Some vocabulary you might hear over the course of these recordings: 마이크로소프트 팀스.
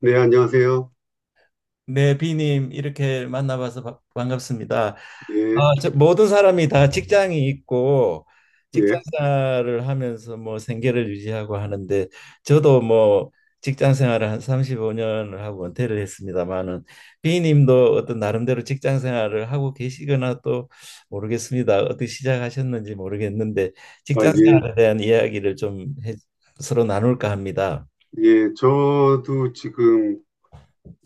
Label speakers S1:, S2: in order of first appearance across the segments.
S1: 네, 안녕하세요.
S2: 네, 비님 이렇게 만나봐서 반갑습니다.
S1: 예,
S2: 아, 저 모든 사람이 다 직장이 있고
S1: 예.
S2: 직장생활을 하면서 뭐 생계를 유지하고 하는데 저도 뭐 직장생활을 한 35년을 하고 은퇴를 했습니다마는, 비님도 어떤 나름대로 직장생활을 하고 계시거나 또 모르겠습니다. 어떻게 시작하셨는지 모르겠는데
S1: 아, 예,
S2: 직장생활에 대한 이야기를 서로 나눌까 합니다.
S1: 예. 저도 지금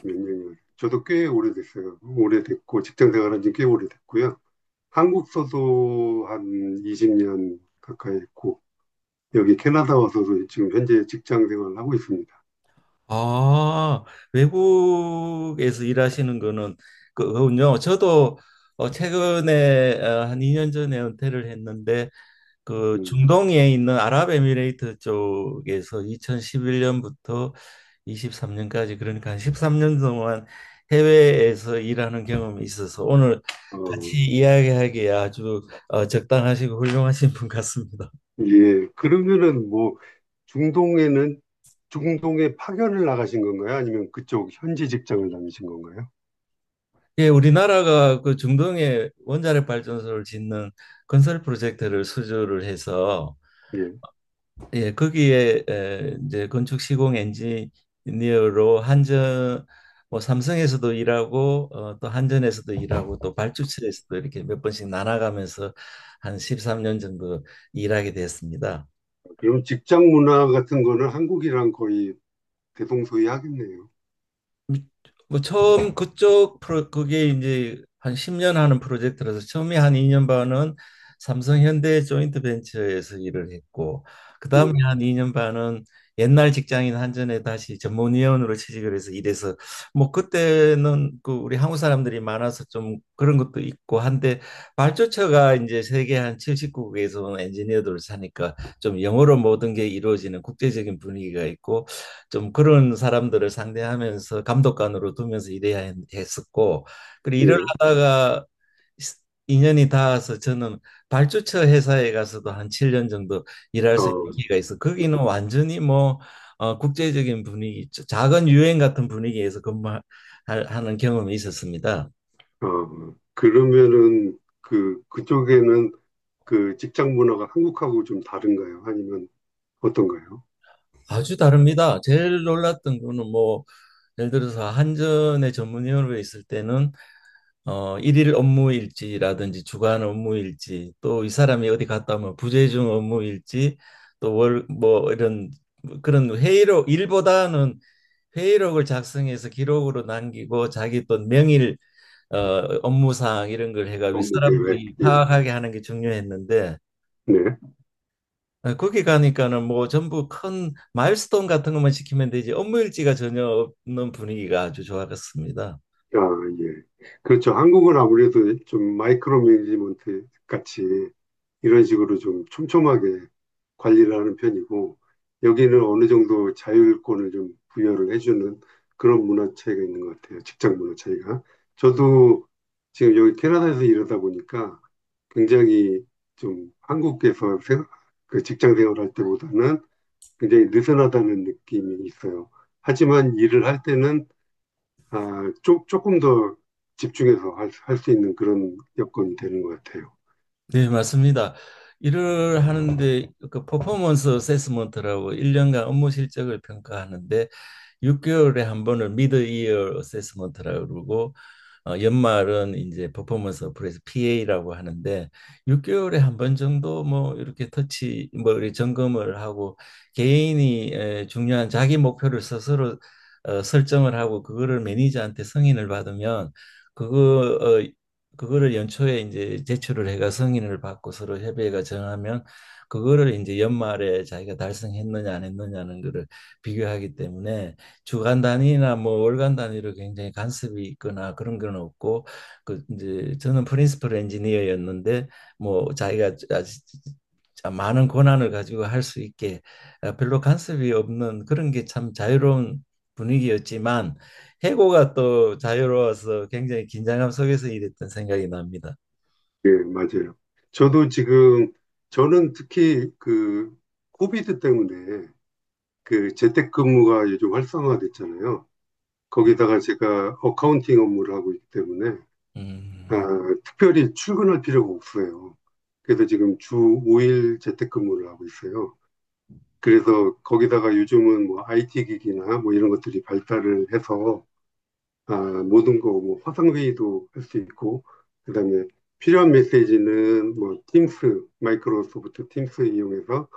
S1: 몇 년이요? 저도 꽤 오래됐어요. 오래됐고, 직장 생활한 지 꽤 오래됐고요. 한국 서도 한 20년 가까이 했고, 여기 캐나다 와서도 지금 현재 직장 생활을 하고 있습니다.
S2: 아, 외국에서 일하시는 거는 그군요. 저도 최근에 한 2년 전에 은퇴를 했는데, 그
S1: 음,
S2: 중동에 있는 아랍에미레이트 쪽에서 2011년부터 23년까지, 그러니까 한 13년 동안 해외에서 일하는 경험이 있어서, 오늘
S1: 어,
S2: 같이 이야기하기에 아주 적당하시고 훌륭하신 분 같습니다.
S1: 예. 그러면은 뭐, 중동에는, 중동에 파견을 나가신 건가요? 아니면 그쪽 현지 직장을 다니신 건가요?
S2: 예, 우리나라가 그 중동에 원자력 발전소를 짓는 건설 프로젝트를 수주를 해서,
S1: 예.
S2: 예, 거기에 이제 건축 시공 엔지니어로 한전 뭐 삼성에서도 일하고 또 한전에서도 일하고 또 발주처에서도 이렇게 몇 번씩 나눠가면서 한 13년 정도 일하게 됐습니다.
S1: 그럼 직장 문화 같은 거는 한국이랑 거의 대동소이 하겠네요.
S2: 뭐 처음 그쪽 프로 그게 이제 한 10년 하는 프로젝트라서, 처음에 한 2년 반은 삼성 현대 조인트 벤처에서 일을 했고, 그다음에
S1: 예,
S2: 한 2년 반은 옛날 직장인 한전에 다시 전문위원으로 취직을 해서 일해서, 뭐 그때는 그 우리 한국 사람들이 많아서 좀 그런 것도 있고 한데, 발주처가 이제 세계 한 70국에서 온 엔지니어들을 사니까 좀 영어로 모든 게 이루어지는 국제적인 분위기가 있고, 좀 그런 사람들을 상대하면서 감독관으로 두면서 일해야 었고, 그리고 일을
S1: 예.
S2: 하다가 인연이 닿아서 저는 발주처 회사에 가서도 한 7년 정도 일할 수 있는
S1: 어,
S2: 기회가 있어. 거기는 완전히 뭐 국제적인 분위기, 작은 유엔 같은 분위기에서 근무하는 경험이 있었습니다.
S1: 그러면은 그, 그쪽에는 그 직장 문화가 한국하고 좀 다른가요? 아니면 어떤가요?
S2: 아주 다릅니다. 제일 놀랐던 거는 뭐 예를 들어서 한전의 전문위원으로 있을 때는 일일 업무일지라든지 주간 업무일지, 또 이 사람이 어디 갔다 오면 부재중 업무일지, 또 월 뭐 이런 그런 회의록 일보다는 회의록을 작성해서 기록으로 남기고, 자기 또 명일 어, 업무사항 이런 걸 해가 위
S1: 업무 계획,
S2: 사람들이
S1: 예,
S2: 파악하게 하는 게 중요했는데,
S1: 네.
S2: 거기 가니까는 뭐 전부 큰 마일스톤 같은 것만 시키면 되지 업무일지가 전혀 없는 분위기가 아주 좋았습니다.
S1: 아, 예. 그렇죠. 한국은 아무래도 좀 마이크로 매니지먼트 같이 이런 식으로 좀 촘촘하게 관리를 하는 편이고, 여기는 어느 정도 자율권을 좀 부여를 해주는 그런 문화 차이가 있는 것 같아요. 직장 문화 차이가. 저도 지금 여기 캐나다에서 일하다 보니까 굉장히 좀 한국에서 그 직장 생활할 때보다는 굉장히 느슨하다는 느낌이 있어요. 하지만 일을 할 때는 아, 조금 더 집중해서 할수 있는 그런 여건이 되는 것 같아요.
S2: 네, 맞습니다. 일을 하는데 그 퍼포먼스 어세스먼트라고 1년간 업무 실적을 평가하는데, 6개월에 한 번을 미드 이어 어세스먼트라고 그러고, 연말은 이제 퍼포먼스 어플에서 PA라고 하는데, 6개월에 한 번 정도 뭐 이렇게 터치 뭐 이렇게 점검을 하고, 개인이 중요한 자기 목표를 스스로 설정을 하고, 그거를 매니저한테 승인을 받으면, 그거 어, 그거를 연초에 이제 제출을 해가 승인을 받고 서로 협의회가 정하면, 그거를 이제 연말에 자기가 달성했느냐 안 했느냐는 거를 비교하기 때문에, 주간 단위나 뭐 월간 단위로 굉장히 간섭이 있거나 그런 건 없고, 그 이제 저는 프린시플 엔지니어였는데 뭐 자기가 아주 많은 권한을 가지고 할 수 있게, 아, 별로 간섭이 없는 그런 게 참 자유로운 분위기였지만, 해고가 또 자유로워서 굉장히 긴장감 속에서 일했던 생각이 납니다.
S1: 예, 맞아요. 저도 지금, 저는 특히 그, 코비드 때문에 그 재택근무가 요즘 활성화됐잖아요. 거기다가 제가 어카운팅 업무를 하고 있기 때문에, 아,
S2: 음,
S1: 특별히 출근할 필요가 없어요. 그래서 지금 주 5일 재택근무를 하고 있어요. 그래서 거기다가 요즘은 뭐 IT 기기나 뭐 이런 것들이 발달을 해서 아, 모든 거, 뭐, 화상회의도 할 수 있고, 그 다음에 필요한 메시지는 뭐, 팀스, 마이크로소프트 팀스 이용해서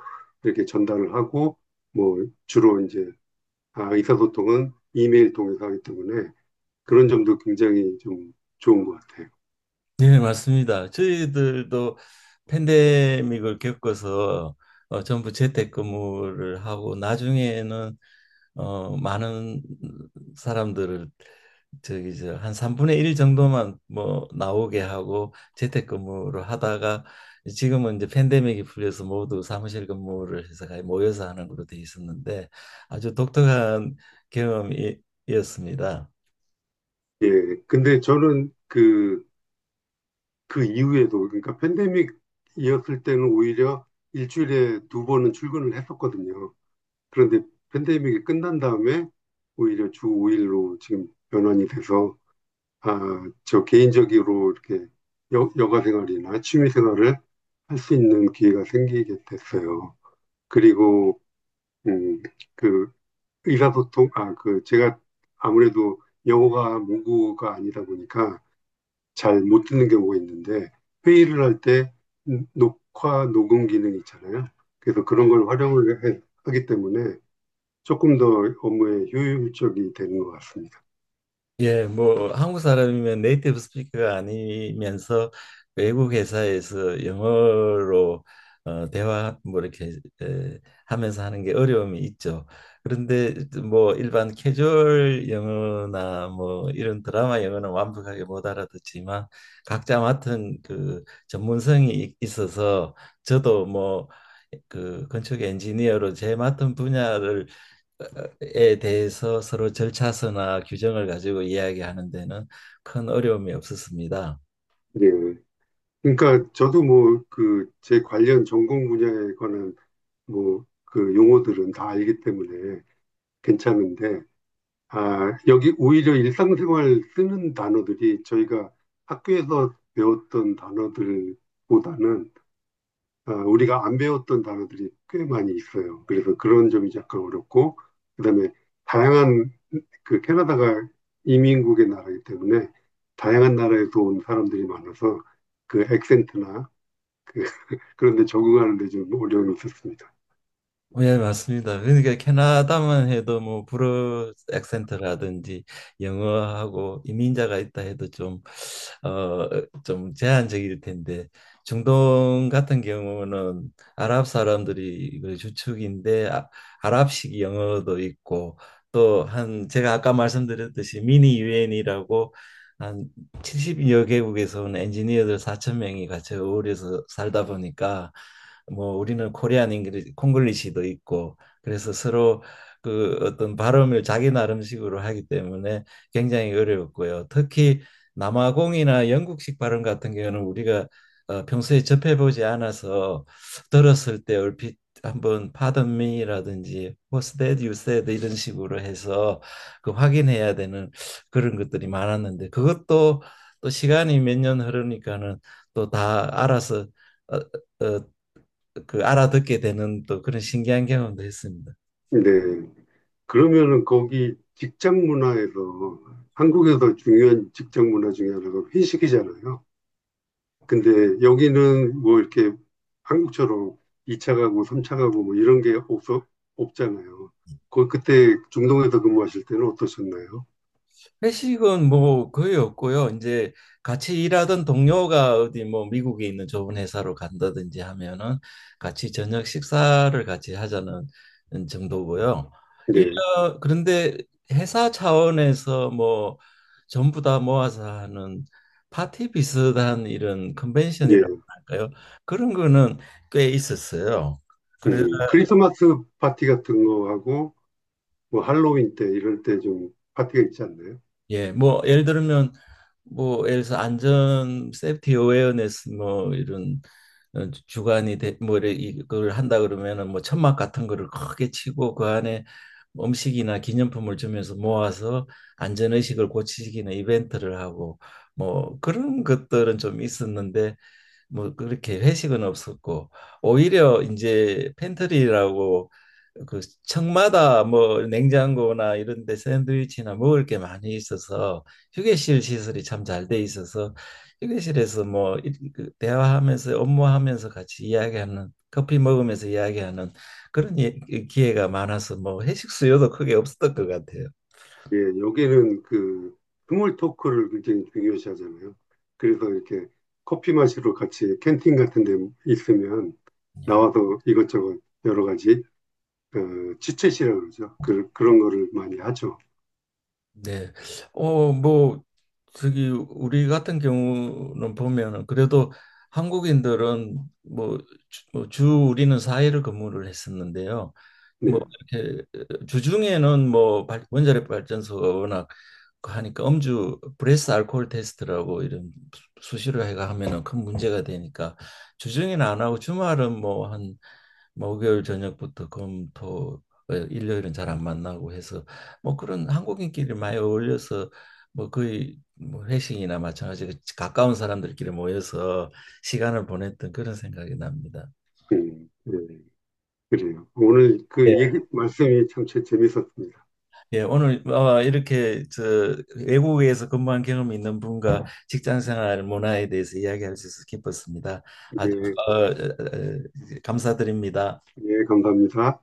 S1: 이렇게 전달을 하고, 뭐, 주로 이제, 아, 의사소통은 이메일 통해서 하기 때문에 그런 점도 굉장히 좀 좋은 것 같아요.
S2: 네, 맞습니다. 저희들도 팬데믹을 겪어서 전부 재택근무를 하고, 나중에는 많은 사람들을 저기 저 한 3분의 1 정도만 뭐 나오게 하고 재택근무로 하다가, 지금은 이제 팬데믹이 풀려서 모두 사무실 근무를 해서 거의 모여서 하는 걸로 돼 있었는데, 아주 독특한 경험이었습니다.
S1: 예. 근데 저는 그, 그 이후에도, 그러니까 팬데믹이었을 때는 오히려 일주일에 두 번은 출근을 했었거든요. 그런데 팬데믹이 끝난 다음에 오히려 주 5일로 지금 변환이 돼서 아, 저 개인적으로 이렇게 여가 생활이나 취미 생활을 할 수 있는 기회가 생기게 됐어요. 그리고 음, 그 의사소통 아, 그 제가 아무래도 영어가 모국어가 아니다 보니까 잘 못 듣는 경우가 있는데 회의를 할 때 녹화 녹음 기능이 있잖아요. 그래서 그런 걸 하기 때문에 조금 더 업무에 효율적이 되는 것 같습니다.
S2: 예, 뭐 한국 사람이면 네이티브 스피커가 아니면서 외국 회사에서 영어로 대화 뭐 이렇게 하면서 하는 게 어려움이 있죠. 그런데 뭐 일반 캐주얼 영어나 뭐 이런 드라마 영어는 완벽하게 못 알아듣지만, 각자 맡은 그 전문성이 있어서, 저도 뭐 그 건축 엔지니어로 제 맡은 분야를 에 대해서 서로 절차서나 규정을 가지고 이야기하는 데는 큰 어려움이 없었습니다.
S1: 예. 그러니까 저도 뭐 그 제 관련 전공 분야에 관한 뭐 그 용어들은 다 알기 때문에 괜찮은데 아, 여기 오히려 일상생활 쓰는 단어들이 저희가 학교에서 배웠던 단어들보다는 아, 우리가 안 배웠던 단어들이 꽤 많이 있어요. 그래서 그런 점이 약간 어렵고 그다음에 다양한 그 캐나다가 이민국의 나라이기 때문에 다양한 나라에서 온 사람들이 많아서 그 액센트나 그 그런 데 적응하는 데 좀 어려움이 있었습니다.
S2: 예, 맞습니다. 그러니까 캐나다만 해도 뭐 불어 액센트라든지 영어하고 이민자가 있다 해도 좀, 어, 좀 제한적일 텐데, 중동 같은 경우는 아랍 사람들이 그 주축인데, 아, 아랍식 영어도 있고, 또 한 제가 아까 말씀드렸듯이 미니 유엔이라고 한 70여 개국에서 온 엔지니어들 4천 명이 같이 어울려서 살다 보니까, 뭐 우리는 코리안 잉글리 콩글리시도 있고, 그래서 서로 그 어떤 발음을 자기 나름식으로 하기 때문에 굉장히 어려웠고요. 특히 남아공이나 영국식 발음 같은 경우는 우리가 평소에 접해보지 않아서 들었을 때, 얼핏 한번 pardon me라든지 what's that you said 이런 식으로 해서 그 확인해야 되는 그런 것들이 많았는데, 그것도 또 시간이 몇 년 흐르니까는 또 다 알아서, 어, 어, 그 알아듣게 되는 또 그런 신기한 경험도 했습니다.
S1: 네. 그러면은 거기 직장 문화에서 한국에서 중요한 직장 문화 중에 하나가 회식이잖아요. 근데 여기는 뭐 이렇게 한국처럼 2차 가고 3차 가고 뭐 이런 게 없어 없잖아요. 거 그때 중동에서 근무하실 때는 어떠셨나요?
S2: 회식은 뭐 거의 없고요. 이제 같이 일하던 동료가 어디 뭐 미국에 있는 좋은 회사로 간다든지 하면은 같이 저녁 식사를 같이 하자는 정도고요.
S1: 네.
S2: 일년 그런데 회사 차원에서 뭐 전부 다 모아서 하는 파티 비슷한 이런
S1: 예.
S2: 컨벤션이라고 할까요? 그런 거는 꽤 있었어요. 그래
S1: 크리스마스 파티 같은 거하고 뭐 할로윈 때 이럴 때 좀 파티가 있지 않나요?
S2: 예, 뭐 예를 들면 뭐 예를 들어서 안전 세프티 어웨어네스 뭐 이런 주관이 돼, 뭐 이래 이걸 한다 그러면은, 뭐 천막 같은 거를 크게 치고 그 안에 음식이나 기념품을 주면서 모아서 안전 의식을 고치기는 이벤트를 하고, 뭐 그런 것들은 좀 있었는데, 뭐 그렇게 회식은 없었고, 오히려 이제 팬트리라고 그 층마다 뭐 냉장고나 이런 데 샌드위치나 먹을 게 많이 있어서 휴게실 시설이 참 잘 돼 있어서, 휴게실에서 뭐 그 대화하면서 업무하면서 같이 이야기하는, 커피 먹으면서 이야기하는 그런 기회가 많아서 뭐 회식 수요도 크게 없었던 것 같아요.
S1: 예, 여기는 그 스몰 토크를 굉장히 중요시 하잖아요. 그래서 이렇게 커피 마시러 같이 캔팅 같은 데 있으면
S2: 예.
S1: 나와서 이것저것 여러 가지 어, 치챗이라고 그러죠. 그, 그런 거를 많이 하죠.
S2: 네. 뭐, 저기, 우리 같은 경우는 보면은, 그래도 한국인들은 뭐, 주, 뭐주 우리는 4일을 근무를 했었는데요.
S1: 네,
S2: 뭐 이렇게 주중에는 뭐 원자력 발전소가 워낙 하니까, 음주 브레스 알코올 테스트라고 이런, 수시로 해가 하면은 큰 문제가 되니까, 주중에는 안 하고 주말은 뭐 한 목요일 저녁부터 금, 토, 일요일은 잘 안 만나고 해서, 뭐 그런 한국인끼리 많이 어울려서 뭐 거의 뭐 회식이나 마찬가지로 가까운 사람들끼리 모여서 시간을 보냈던 그런 생각이 납니다.
S1: 예, 그래요. 오늘 그 얘기, 말씀이 참 재밌었습니다.
S2: 예, 오늘 이렇게 저 외국에서 근무한 경험이 있는 분과 직장 생활 문화에 대해서 이야기할 수 있어서 기뻤습니다. 아주
S1: 예,
S2: 어, 어, 어, 감사드립니다.
S1: 예, 감사합니다.